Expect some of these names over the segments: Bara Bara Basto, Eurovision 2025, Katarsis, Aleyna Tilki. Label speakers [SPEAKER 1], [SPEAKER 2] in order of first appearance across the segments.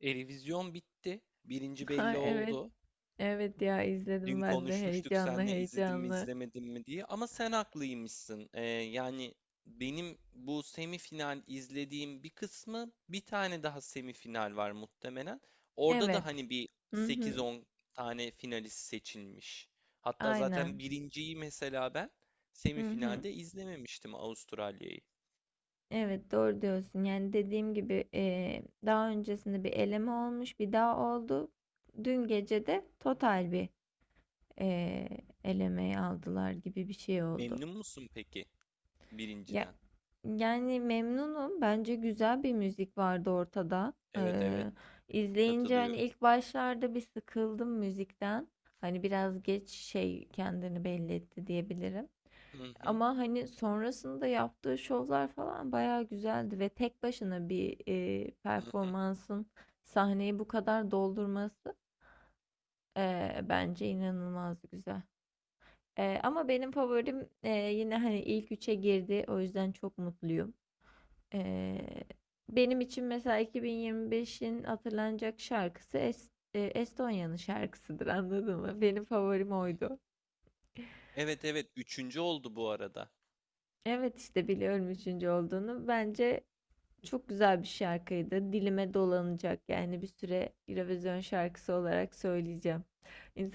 [SPEAKER 1] Revizyon bitti. Birinci
[SPEAKER 2] Ha,
[SPEAKER 1] belli
[SPEAKER 2] evet.
[SPEAKER 1] oldu.
[SPEAKER 2] Evet ya izledim
[SPEAKER 1] Dün
[SPEAKER 2] ben de
[SPEAKER 1] konuşmuştuk
[SPEAKER 2] heyecanlı
[SPEAKER 1] seninle izledim mi
[SPEAKER 2] heyecanlı.
[SPEAKER 1] izlemedim mi diye. Ama sen haklıymışsın. Yani benim bu semifinal izlediğim bir kısmı, bir tane daha semifinal var muhtemelen. Orada da
[SPEAKER 2] Evet.
[SPEAKER 1] hani bir
[SPEAKER 2] Hı
[SPEAKER 1] sekiz
[SPEAKER 2] hı.
[SPEAKER 1] on tane finalist seçilmiş. Hatta zaten
[SPEAKER 2] Aynen.
[SPEAKER 1] birinciyi mesela ben
[SPEAKER 2] Hı hı.
[SPEAKER 1] semifinalde izlememiştim, Avustralya'yı.
[SPEAKER 2] Evet doğru diyorsun. Yani dediğim gibi daha öncesinde bir eleme olmuş, bir daha oldu. Dün gece de total bir eee elemeyi aldılar gibi bir şey oldu.
[SPEAKER 1] Memnun musun peki
[SPEAKER 2] Ya,
[SPEAKER 1] birinciden?
[SPEAKER 2] yani memnunum. Bence güzel bir müzik vardı ortada.
[SPEAKER 1] Evet, evet,
[SPEAKER 2] İzleyince hani
[SPEAKER 1] katılıyorum.
[SPEAKER 2] ilk başlarda bir sıkıldım müzikten. Hani biraz geç şey kendini belli etti diyebilirim.
[SPEAKER 1] Hı hı,
[SPEAKER 2] Ama hani sonrasında yaptığı şovlar falan bayağı güzeldi ve tek başına bir
[SPEAKER 1] hı
[SPEAKER 2] performansın sahneyi bu kadar doldurması bence inanılmaz güzel. Ama benim favorim yine hani ilk üçe girdi. O yüzden çok mutluyum. Ee, Benim için mesela 2025'in hatırlanacak şarkısı Estonya'nın şarkısıdır, anladın mı? Benim favorim
[SPEAKER 1] hı.
[SPEAKER 2] oydu.
[SPEAKER 1] Evet, evet, üçüncü oldu bu arada.
[SPEAKER 2] Evet, işte biliyorum üçüncü olduğunu. Bence çok güzel bir şarkıydı. Dilime dolanacak yani bir süre Eurovision şarkısı olarak söyleyeceğim.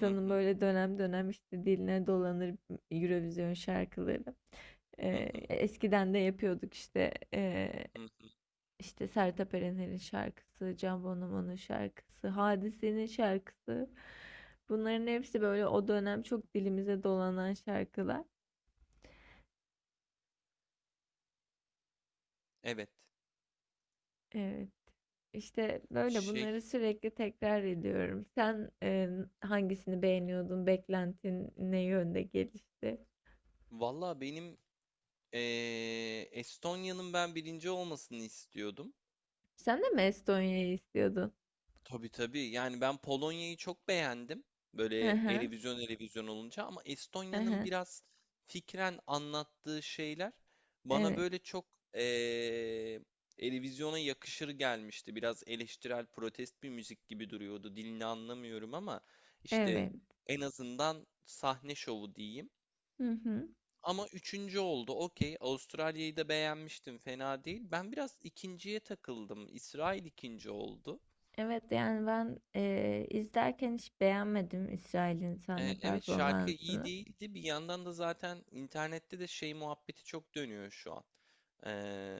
[SPEAKER 1] Hı hı,
[SPEAKER 2] böyle dönem dönem işte diline dolanır Eurovision şarkıları.
[SPEAKER 1] hı hı,
[SPEAKER 2] Eskiden de yapıyorduk işte.
[SPEAKER 1] hı hı.
[SPEAKER 2] İşte Sertab Erener'in şarkısı, Can Bonomo'nun şarkısı, Hadise'nin şarkısı. Bunların hepsi böyle o dönem çok dilimize dolanan şarkılar.
[SPEAKER 1] Evet.
[SPEAKER 2] Evet. İşte böyle
[SPEAKER 1] Şey,
[SPEAKER 2] bunları sürekli tekrar ediyorum. Sen hangisini beğeniyordun? Beklentin ne yönde gelişti?
[SPEAKER 1] valla benim Estonya'nın ben birinci olmasını istiyordum.
[SPEAKER 2] Sen de mi Estonya'yı istiyordun?
[SPEAKER 1] Tabii, tabii. Yani ben Polonya'yı çok beğendim.
[SPEAKER 2] Hı
[SPEAKER 1] Böyle
[SPEAKER 2] hı,
[SPEAKER 1] televizyon televizyon olunca, ama
[SPEAKER 2] hı
[SPEAKER 1] Estonya'nın
[SPEAKER 2] hı.
[SPEAKER 1] biraz fikren anlattığı şeyler bana
[SPEAKER 2] Evet,
[SPEAKER 1] böyle çok eee televizyona yakışır gelmişti. Biraz eleştirel, protest bir müzik gibi duruyordu. Dilini anlamıyorum, ama işte
[SPEAKER 2] evet.
[SPEAKER 1] en azından sahne şovu diyeyim.
[SPEAKER 2] Hı hı.
[SPEAKER 1] Ama üçüncü oldu. Okey. Avustralya'yı da beğenmiştim. Fena değil. Ben biraz ikinciye takıldım. İsrail ikinci oldu.
[SPEAKER 2] Evet yani ben izlerken hiç beğenmedim İsrail'in sahne
[SPEAKER 1] Evet, şarkı iyi
[SPEAKER 2] performansını.
[SPEAKER 1] değildi. Bir yandan da zaten internette de şey muhabbeti çok dönüyor şu an. Ee,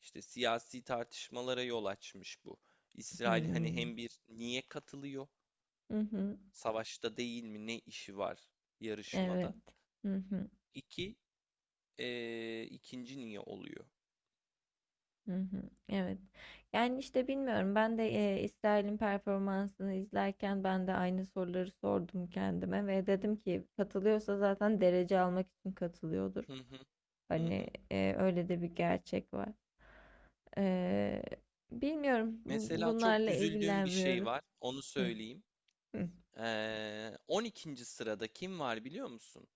[SPEAKER 1] işte siyasi tartışmalara yol açmış bu. İsrail hani
[SPEAKER 2] Hmm.
[SPEAKER 1] hem bir, niye katılıyor?
[SPEAKER 2] Hı hı.
[SPEAKER 1] Savaşta değil mi? Ne işi var
[SPEAKER 2] Evet.
[SPEAKER 1] yarışmada?
[SPEAKER 2] Hı hı.
[SPEAKER 1] İki, ikinci niye oluyor?
[SPEAKER 2] Hı hı. Evet. Yani, işte, bilmiyorum. Ben de, İsrail'in performansını izlerken ben de aynı soruları sordum kendime ve dedim ki katılıyorsa zaten derece almak için katılıyordur.
[SPEAKER 1] Hı hı, hı
[SPEAKER 2] Hani,
[SPEAKER 1] hı.
[SPEAKER 2] öyle de bir gerçek var. Eee, Bilmiyorum.
[SPEAKER 1] Mesela çok
[SPEAKER 2] Bunlarla
[SPEAKER 1] üzüldüğüm bir şey
[SPEAKER 2] ilgilenmiyorum.
[SPEAKER 1] var. Onu
[SPEAKER 2] Hıh.
[SPEAKER 1] söyleyeyim.
[SPEAKER 2] Hıh.
[SPEAKER 1] 12. sırada kim var biliyor musun?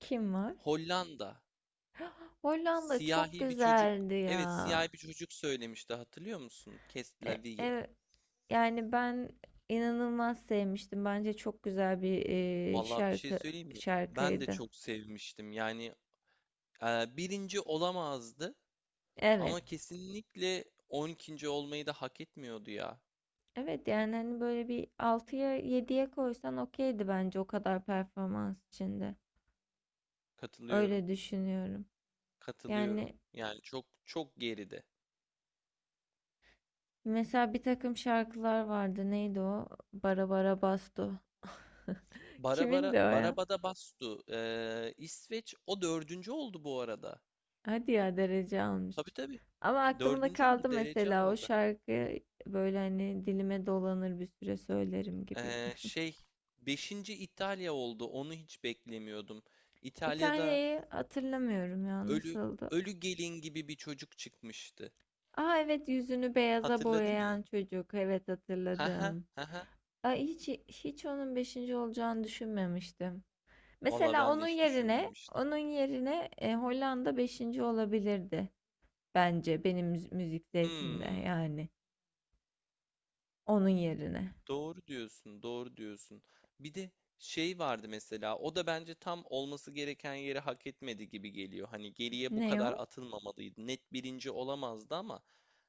[SPEAKER 2] Kim var?
[SPEAKER 1] Hollanda.
[SPEAKER 2] Hollanda çok
[SPEAKER 1] Siyahi bir çocuk,
[SPEAKER 2] güzeldi
[SPEAKER 1] evet,
[SPEAKER 2] ya.
[SPEAKER 1] siyahi bir çocuk söylemişti, hatırlıyor musun?
[SPEAKER 2] E ev Yani ben inanılmaz sevmiştim. Bence çok güzel bir e,
[SPEAKER 1] Vallahi bir şey
[SPEAKER 2] şarkı
[SPEAKER 1] söyleyeyim mi? Ben de
[SPEAKER 2] şarkıydı.
[SPEAKER 1] çok sevmiştim. Yani birinci olamazdı
[SPEAKER 2] Evet.
[SPEAKER 1] ama kesinlikle 12. olmayı da hak etmiyordu ya.
[SPEAKER 2] Evet yani hani böyle bir altıya yediye koysan okeydi bence o kadar performans içinde.
[SPEAKER 1] Katılıyorum.
[SPEAKER 2] Öyle düşünüyorum.
[SPEAKER 1] Katılıyorum.
[SPEAKER 2] Yani
[SPEAKER 1] Yani çok çok geride.
[SPEAKER 2] mesela bir takım şarkılar vardı. Neydi o? Bara Bara Basto. Kimin de
[SPEAKER 1] Barabara
[SPEAKER 2] o ya?
[SPEAKER 1] Barabada Bastu. İsveç o dördüncü oldu bu arada.
[SPEAKER 2] Hadi ya, derece almış.
[SPEAKER 1] Tabii, tabii.
[SPEAKER 2] Ama aklımda
[SPEAKER 1] Dördüncü oldu,
[SPEAKER 2] kaldı
[SPEAKER 1] derece
[SPEAKER 2] mesela o
[SPEAKER 1] aldı.
[SPEAKER 2] şarkı, böyle hani dilime dolanır bir süre söylerim gibi.
[SPEAKER 1] Ee, şey Beşinci İtalya oldu. Onu hiç beklemiyordum. İtalya'da
[SPEAKER 2] İtalya'yı hatırlamıyorum ya,
[SPEAKER 1] ölü
[SPEAKER 2] nasıldı?
[SPEAKER 1] ölü gelin gibi bir çocuk çıkmıştı.
[SPEAKER 2] Aa, evet, yüzünü beyaza
[SPEAKER 1] Hatırladın mı?
[SPEAKER 2] boyayan çocuk. Evet,
[SPEAKER 1] Haha,
[SPEAKER 2] hatırladım.
[SPEAKER 1] haha.
[SPEAKER 2] Aa, hiç hiç onun beşinci olacağını düşünmemiştim.
[SPEAKER 1] Valla,
[SPEAKER 2] Mesela
[SPEAKER 1] ben de hiç düşünmemiştim.
[SPEAKER 2] onun yerine Hollanda beşinci olabilirdi bence benim müzik zevkimde,
[SPEAKER 1] Hmm,
[SPEAKER 2] yani onun yerine.
[SPEAKER 1] doğru diyorsun, doğru diyorsun. Bir de şey vardı mesela. O da bence tam olması gereken yeri hak etmedi gibi geliyor. Hani geriye bu
[SPEAKER 2] Ne
[SPEAKER 1] kadar
[SPEAKER 2] o?
[SPEAKER 1] atılmamalıydı. Net birinci olamazdı ama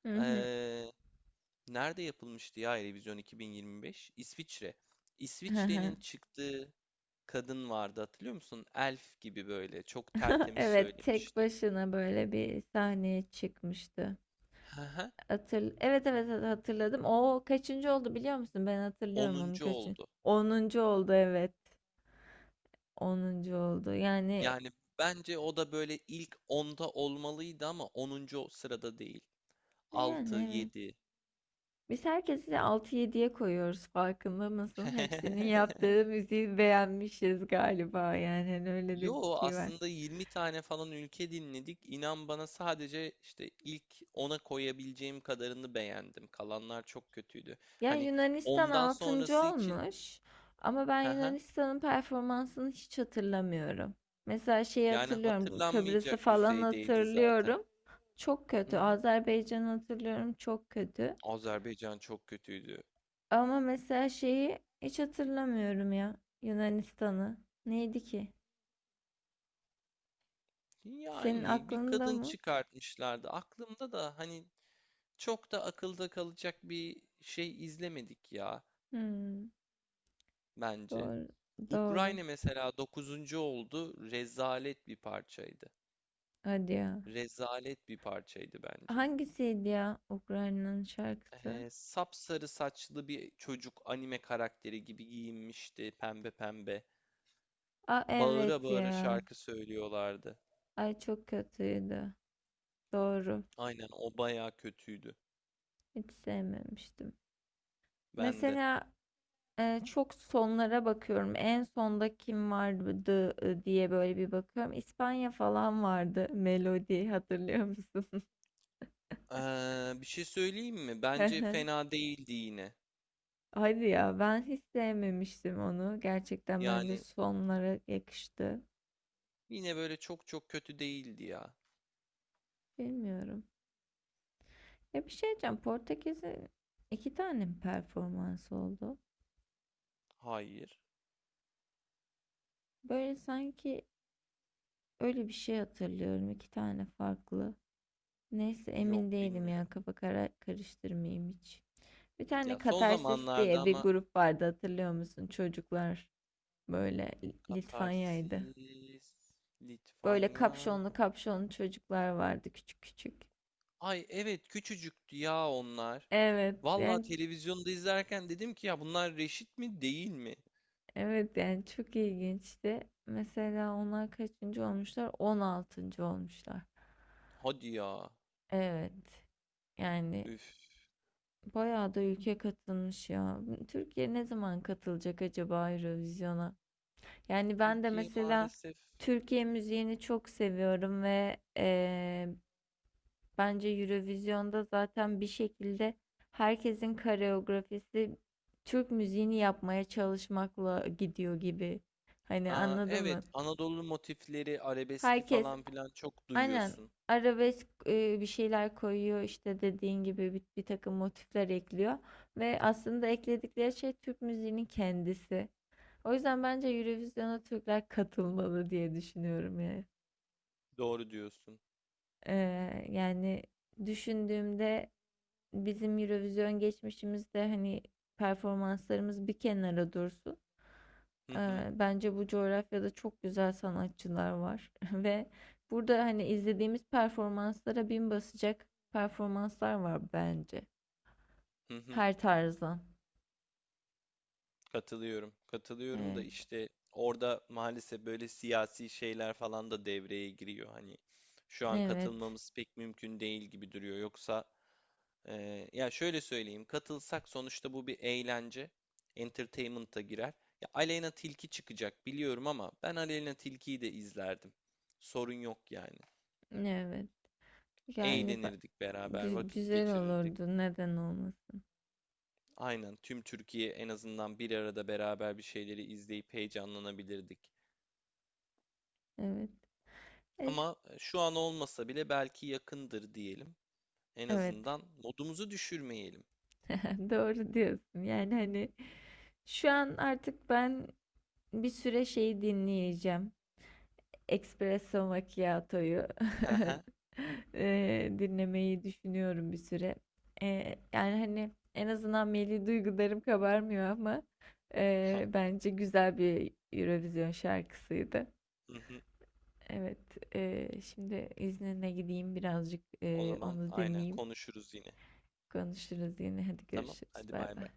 [SPEAKER 2] Hı hı.
[SPEAKER 1] ee, nerede yapılmıştı ya Eurovision 2025? İsviçre.
[SPEAKER 2] Hı hı.
[SPEAKER 1] İsviçre'nin çıktığı kadın vardı, hatırlıyor musun? Elf gibi böyle çok tertemiz
[SPEAKER 2] Evet, tek
[SPEAKER 1] söylemişti.
[SPEAKER 2] başına böyle bir sahneye çıkmıştı.
[SPEAKER 1] Hı hı.
[SPEAKER 2] Evet, evet, hatırladım. O kaçıncı oldu, biliyor musun? Ben hatırlıyorum onun
[SPEAKER 1] 10.
[SPEAKER 2] kaçıncı.
[SPEAKER 1] oldu.
[SPEAKER 2] 10. oldu, evet. 10. oldu.
[SPEAKER 1] Yani bence o da böyle ilk onda olmalıydı, ama 10. sırada değil.
[SPEAKER 2] Yani,
[SPEAKER 1] Altı,
[SPEAKER 2] evet.
[SPEAKER 1] yedi.
[SPEAKER 2] Biz herkesi altı yediye koyuyoruz, farkında mısın? Hepsinin yaptığı müziği beğenmişiz galiba. Yani hani öyle de bir
[SPEAKER 1] Yo,
[SPEAKER 2] şey var.
[SPEAKER 1] aslında 20 tane falan ülke dinledik. İnan bana, sadece işte ilk ona koyabileceğim kadarını beğendim. Kalanlar çok kötüydü.
[SPEAKER 2] Ya,
[SPEAKER 1] Hani
[SPEAKER 2] Yunanistan
[SPEAKER 1] ondan
[SPEAKER 2] 6.
[SPEAKER 1] sonrası için.
[SPEAKER 2] olmuş ama ben
[SPEAKER 1] hı hı,
[SPEAKER 2] Yunanistan'ın performansını hiç hatırlamıyorum. Mesela şeyi
[SPEAKER 1] Yani
[SPEAKER 2] hatırlıyorum, bu Kıbrıs'ı
[SPEAKER 1] hatırlanmayacak
[SPEAKER 2] falan
[SPEAKER 1] düzeydeydi zaten.
[SPEAKER 2] hatırlıyorum. Çok
[SPEAKER 1] Hı
[SPEAKER 2] kötü.
[SPEAKER 1] hı.
[SPEAKER 2] Azerbaycan'ı hatırlıyorum, çok kötü.
[SPEAKER 1] Azerbaycan çok kötüydü.
[SPEAKER 2] Ama mesela şeyi hiç hatırlamıyorum ya, Yunanistan'ı. Neydi ki? Senin
[SPEAKER 1] Yani bir
[SPEAKER 2] aklında
[SPEAKER 1] kadın
[SPEAKER 2] mı?
[SPEAKER 1] çıkartmışlardı. Aklımda da hani çok da akılda kalacak bir şey izlemedik ya
[SPEAKER 2] Hmm,
[SPEAKER 1] bence.
[SPEAKER 2] doğru, doğru.
[SPEAKER 1] Ukrayna mesela 9. oldu. Rezalet bir parçaydı.
[SPEAKER 2] Hadi ya.
[SPEAKER 1] Rezalet bir parçaydı bence.
[SPEAKER 2] Hangisiydi ya Ukrayna'nın şarkısı?
[SPEAKER 1] Sapsarı saçlı bir çocuk, anime karakteri gibi giyinmişti pembe pembe.
[SPEAKER 2] Aa,
[SPEAKER 1] Bağıra
[SPEAKER 2] evet
[SPEAKER 1] bağıra
[SPEAKER 2] ya.
[SPEAKER 1] şarkı söylüyorlardı.
[SPEAKER 2] Ay, çok kötüydü. Doğru.
[SPEAKER 1] Aynen, o bayağı kötüydü.
[SPEAKER 2] Hiç sevmemiştim.
[SPEAKER 1] Ben de.
[SPEAKER 2] Mesela çok sonlara bakıyorum. En sonda kim vardı diye böyle bir bakıyorum. İspanya falan vardı. Melodi, hatırlıyor musun?
[SPEAKER 1] Bir şey söyleyeyim mi? Bence fena değildi yine.
[SPEAKER 2] Hadi ya, ben hiç sevmemiştim onu. Gerçekten bence
[SPEAKER 1] Yani
[SPEAKER 2] sonlara yakıştı.
[SPEAKER 1] yine böyle çok çok kötü değildi ya.
[SPEAKER 2] Bilmiyorum. Ya, bir şey diyeceğim. Portekiz'in iki tane mi performansı oldu?
[SPEAKER 1] Hayır.
[SPEAKER 2] Böyle sanki öyle bir şey hatırlıyorum. İki tane farklı. Neyse,
[SPEAKER 1] Yok,
[SPEAKER 2] emin değilim
[SPEAKER 1] bilmiyorum.
[SPEAKER 2] ya. Kafa karıştırmayayım hiç. Bir tane
[SPEAKER 1] Ya, son
[SPEAKER 2] Katarsis
[SPEAKER 1] zamanlarda
[SPEAKER 2] diye bir
[SPEAKER 1] ama.
[SPEAKER 2] grup vardı, hatırlıyor musun? Çocuklar böyle Litvanya'ydı.
[SPEAKER 1] Katarsis,
[SPEAKER 2] Böyle
[SPEAKER 1] Litvanya.
[SPEAKER 2] kapşonlu kapşonlu çocuklar vardı, küçük küçük.
[SPEAKER 1] Ay, evet, küçücüktü ya onlar.
[SPEAKER 2] Evet
[SPEAKER 1] Vallahi
[SPEAKER 2] yani
[SPEAKER 1] televizyonda izlerken dedim ki ya bunlar reşit mi değil mi?
[SPEAKER 2] evet yani çok ilginçti. Mesela onlar kaçıncı olmuşlar? 16. olmuşlar.
[SPEAKER 1] Hadi ya.
[SPEAKER 2] Evet. Yani
[SPEAKER 1] Üf.
[SPEAKER 2] bayağı da ülke katılmış ya. Türkiye ne zaman katılacak acaba Eurovision'a? Yani ben de
[SPEAKER 1] Türkiye
[SPEAKER 2] mesela
[SPEAKER 1] maalesef.
[SPEAKER 2] Türkiye müziğini çok seviyorum ve bence Eurovision'da zaten bir şekilde herkesin koreografisi Türk müziğini yapmaya çalışmakla gidiyor gibi. Hani,
[SPEAKER 1] Aa,
[SPEAKER 2] anladın
[SPEAKER 1] evet,
[SPEAKER 2] mı?
[SPEAKER 1] Anadolu motifleri, arabeski
[SPEAKER 2] Herkes
[SPEAKER 1] falan filan çok
[SPEAKER 2] aynen
[SPEAKER 1] duyuyorsun.
[SPEAKER 2] arabesk bir şeyler koyuyor işte, dediğin gibi bir takım motifler ekliyor ve aslında ekledikleri şey Türk müziğinin kendisi. O yüzden bence Eurovision'a Türkler katılmalı diye düşünüyorum yani.
[SPEAKER 1] Doğru diyorsun.
[SPEAKER 2] Yani düşündüğümde bizim Eurovision geçmişimizde hani performanslarımız bir kenara dursun.
[SPEAKER 1] Hı hı,
[SPEAKER 2] Bence bu coğrafyada çok güzel sanatçılar var ve burada hani izlediğimiz performanslara bin basacak performanslar var bence.
[SPEAKER 1] hı hı.
[SPEAKER 2] Her tarzdan.
[SPEAKER 1] Katılıyorum. Katılıyorum da
[SPEAKER 2] Evet,
[SPEAKER 1] işte orada maalesef böyle siyasi şeyler falan da devreye giriyor. Hani şu an
[SPEAKER 2] evet,
[SPEAKER 1] katılmamız pek mümkün değil gibi duruyor. Yoksa. Ya şöyle söyleyeyim. Katılsak, sonuçta bu bir eğlence. Entertainment'a girer. Ya, Aleyna Tilki çıkacak biliyorum ama ben Aleyna Tilki'yi de izlerdim. Sorun yok yani.
[SPEAKER 2] evet. Yani
[SPEAKER 1] Eğlenirdik beraber, vakit
[SPEAKER 2] güzel
[SPEAKER 1] geçirirdik.
[SPEAKER 2] olurdu. Neden olmasın?
[SPEAKER 1] Aynen, tüm Türkiye en azından bir arada beraber bir şeyleri izleyip heyecanlanabilirdik.
[SPEAKER 2] Evet. Es-
[SPEAKER 1] Ama şu an olmasa bile belki yakındır diyelim. En
[SPEAKER 2] Evet.
[SPEAKER 1] azından modumuzu düşürmeyelim.
[SPEAKER 2] Doğru diyorsun. Yani hani şu an artık ben bir süre şey dinleyeceğim. Espresso Macchiato'yu dinlemeyi düşünüyorum bir süre. Yani hani en azından milli duygularım kabarmıyor ama bence güzel bir Eurovision şarkısıydı.
[SPEAKER 1] Hı hı.
[SPEAKER 2] Evet, şimdi iznine gideyim birazcık
[SPEAKER 1] O zaman
[SPEAKER 2] onu
[SPEAKER 1] aynen
[SPEAKER 2] dinleyeyim.
[SPEAKER 1] konuşuruz yine.
[SPEAKER 2] Konuşuruz yine. Hadi
[SPEAKER 1] Tamam,
[SPEAKER 2] görüşürüz.
[SPEAKER 1] hadi,
[SPEAKER 2] Bay
[SPEAKER 1] bay
[SPEAKER 2] bay.
[SPEAKER 1] bay.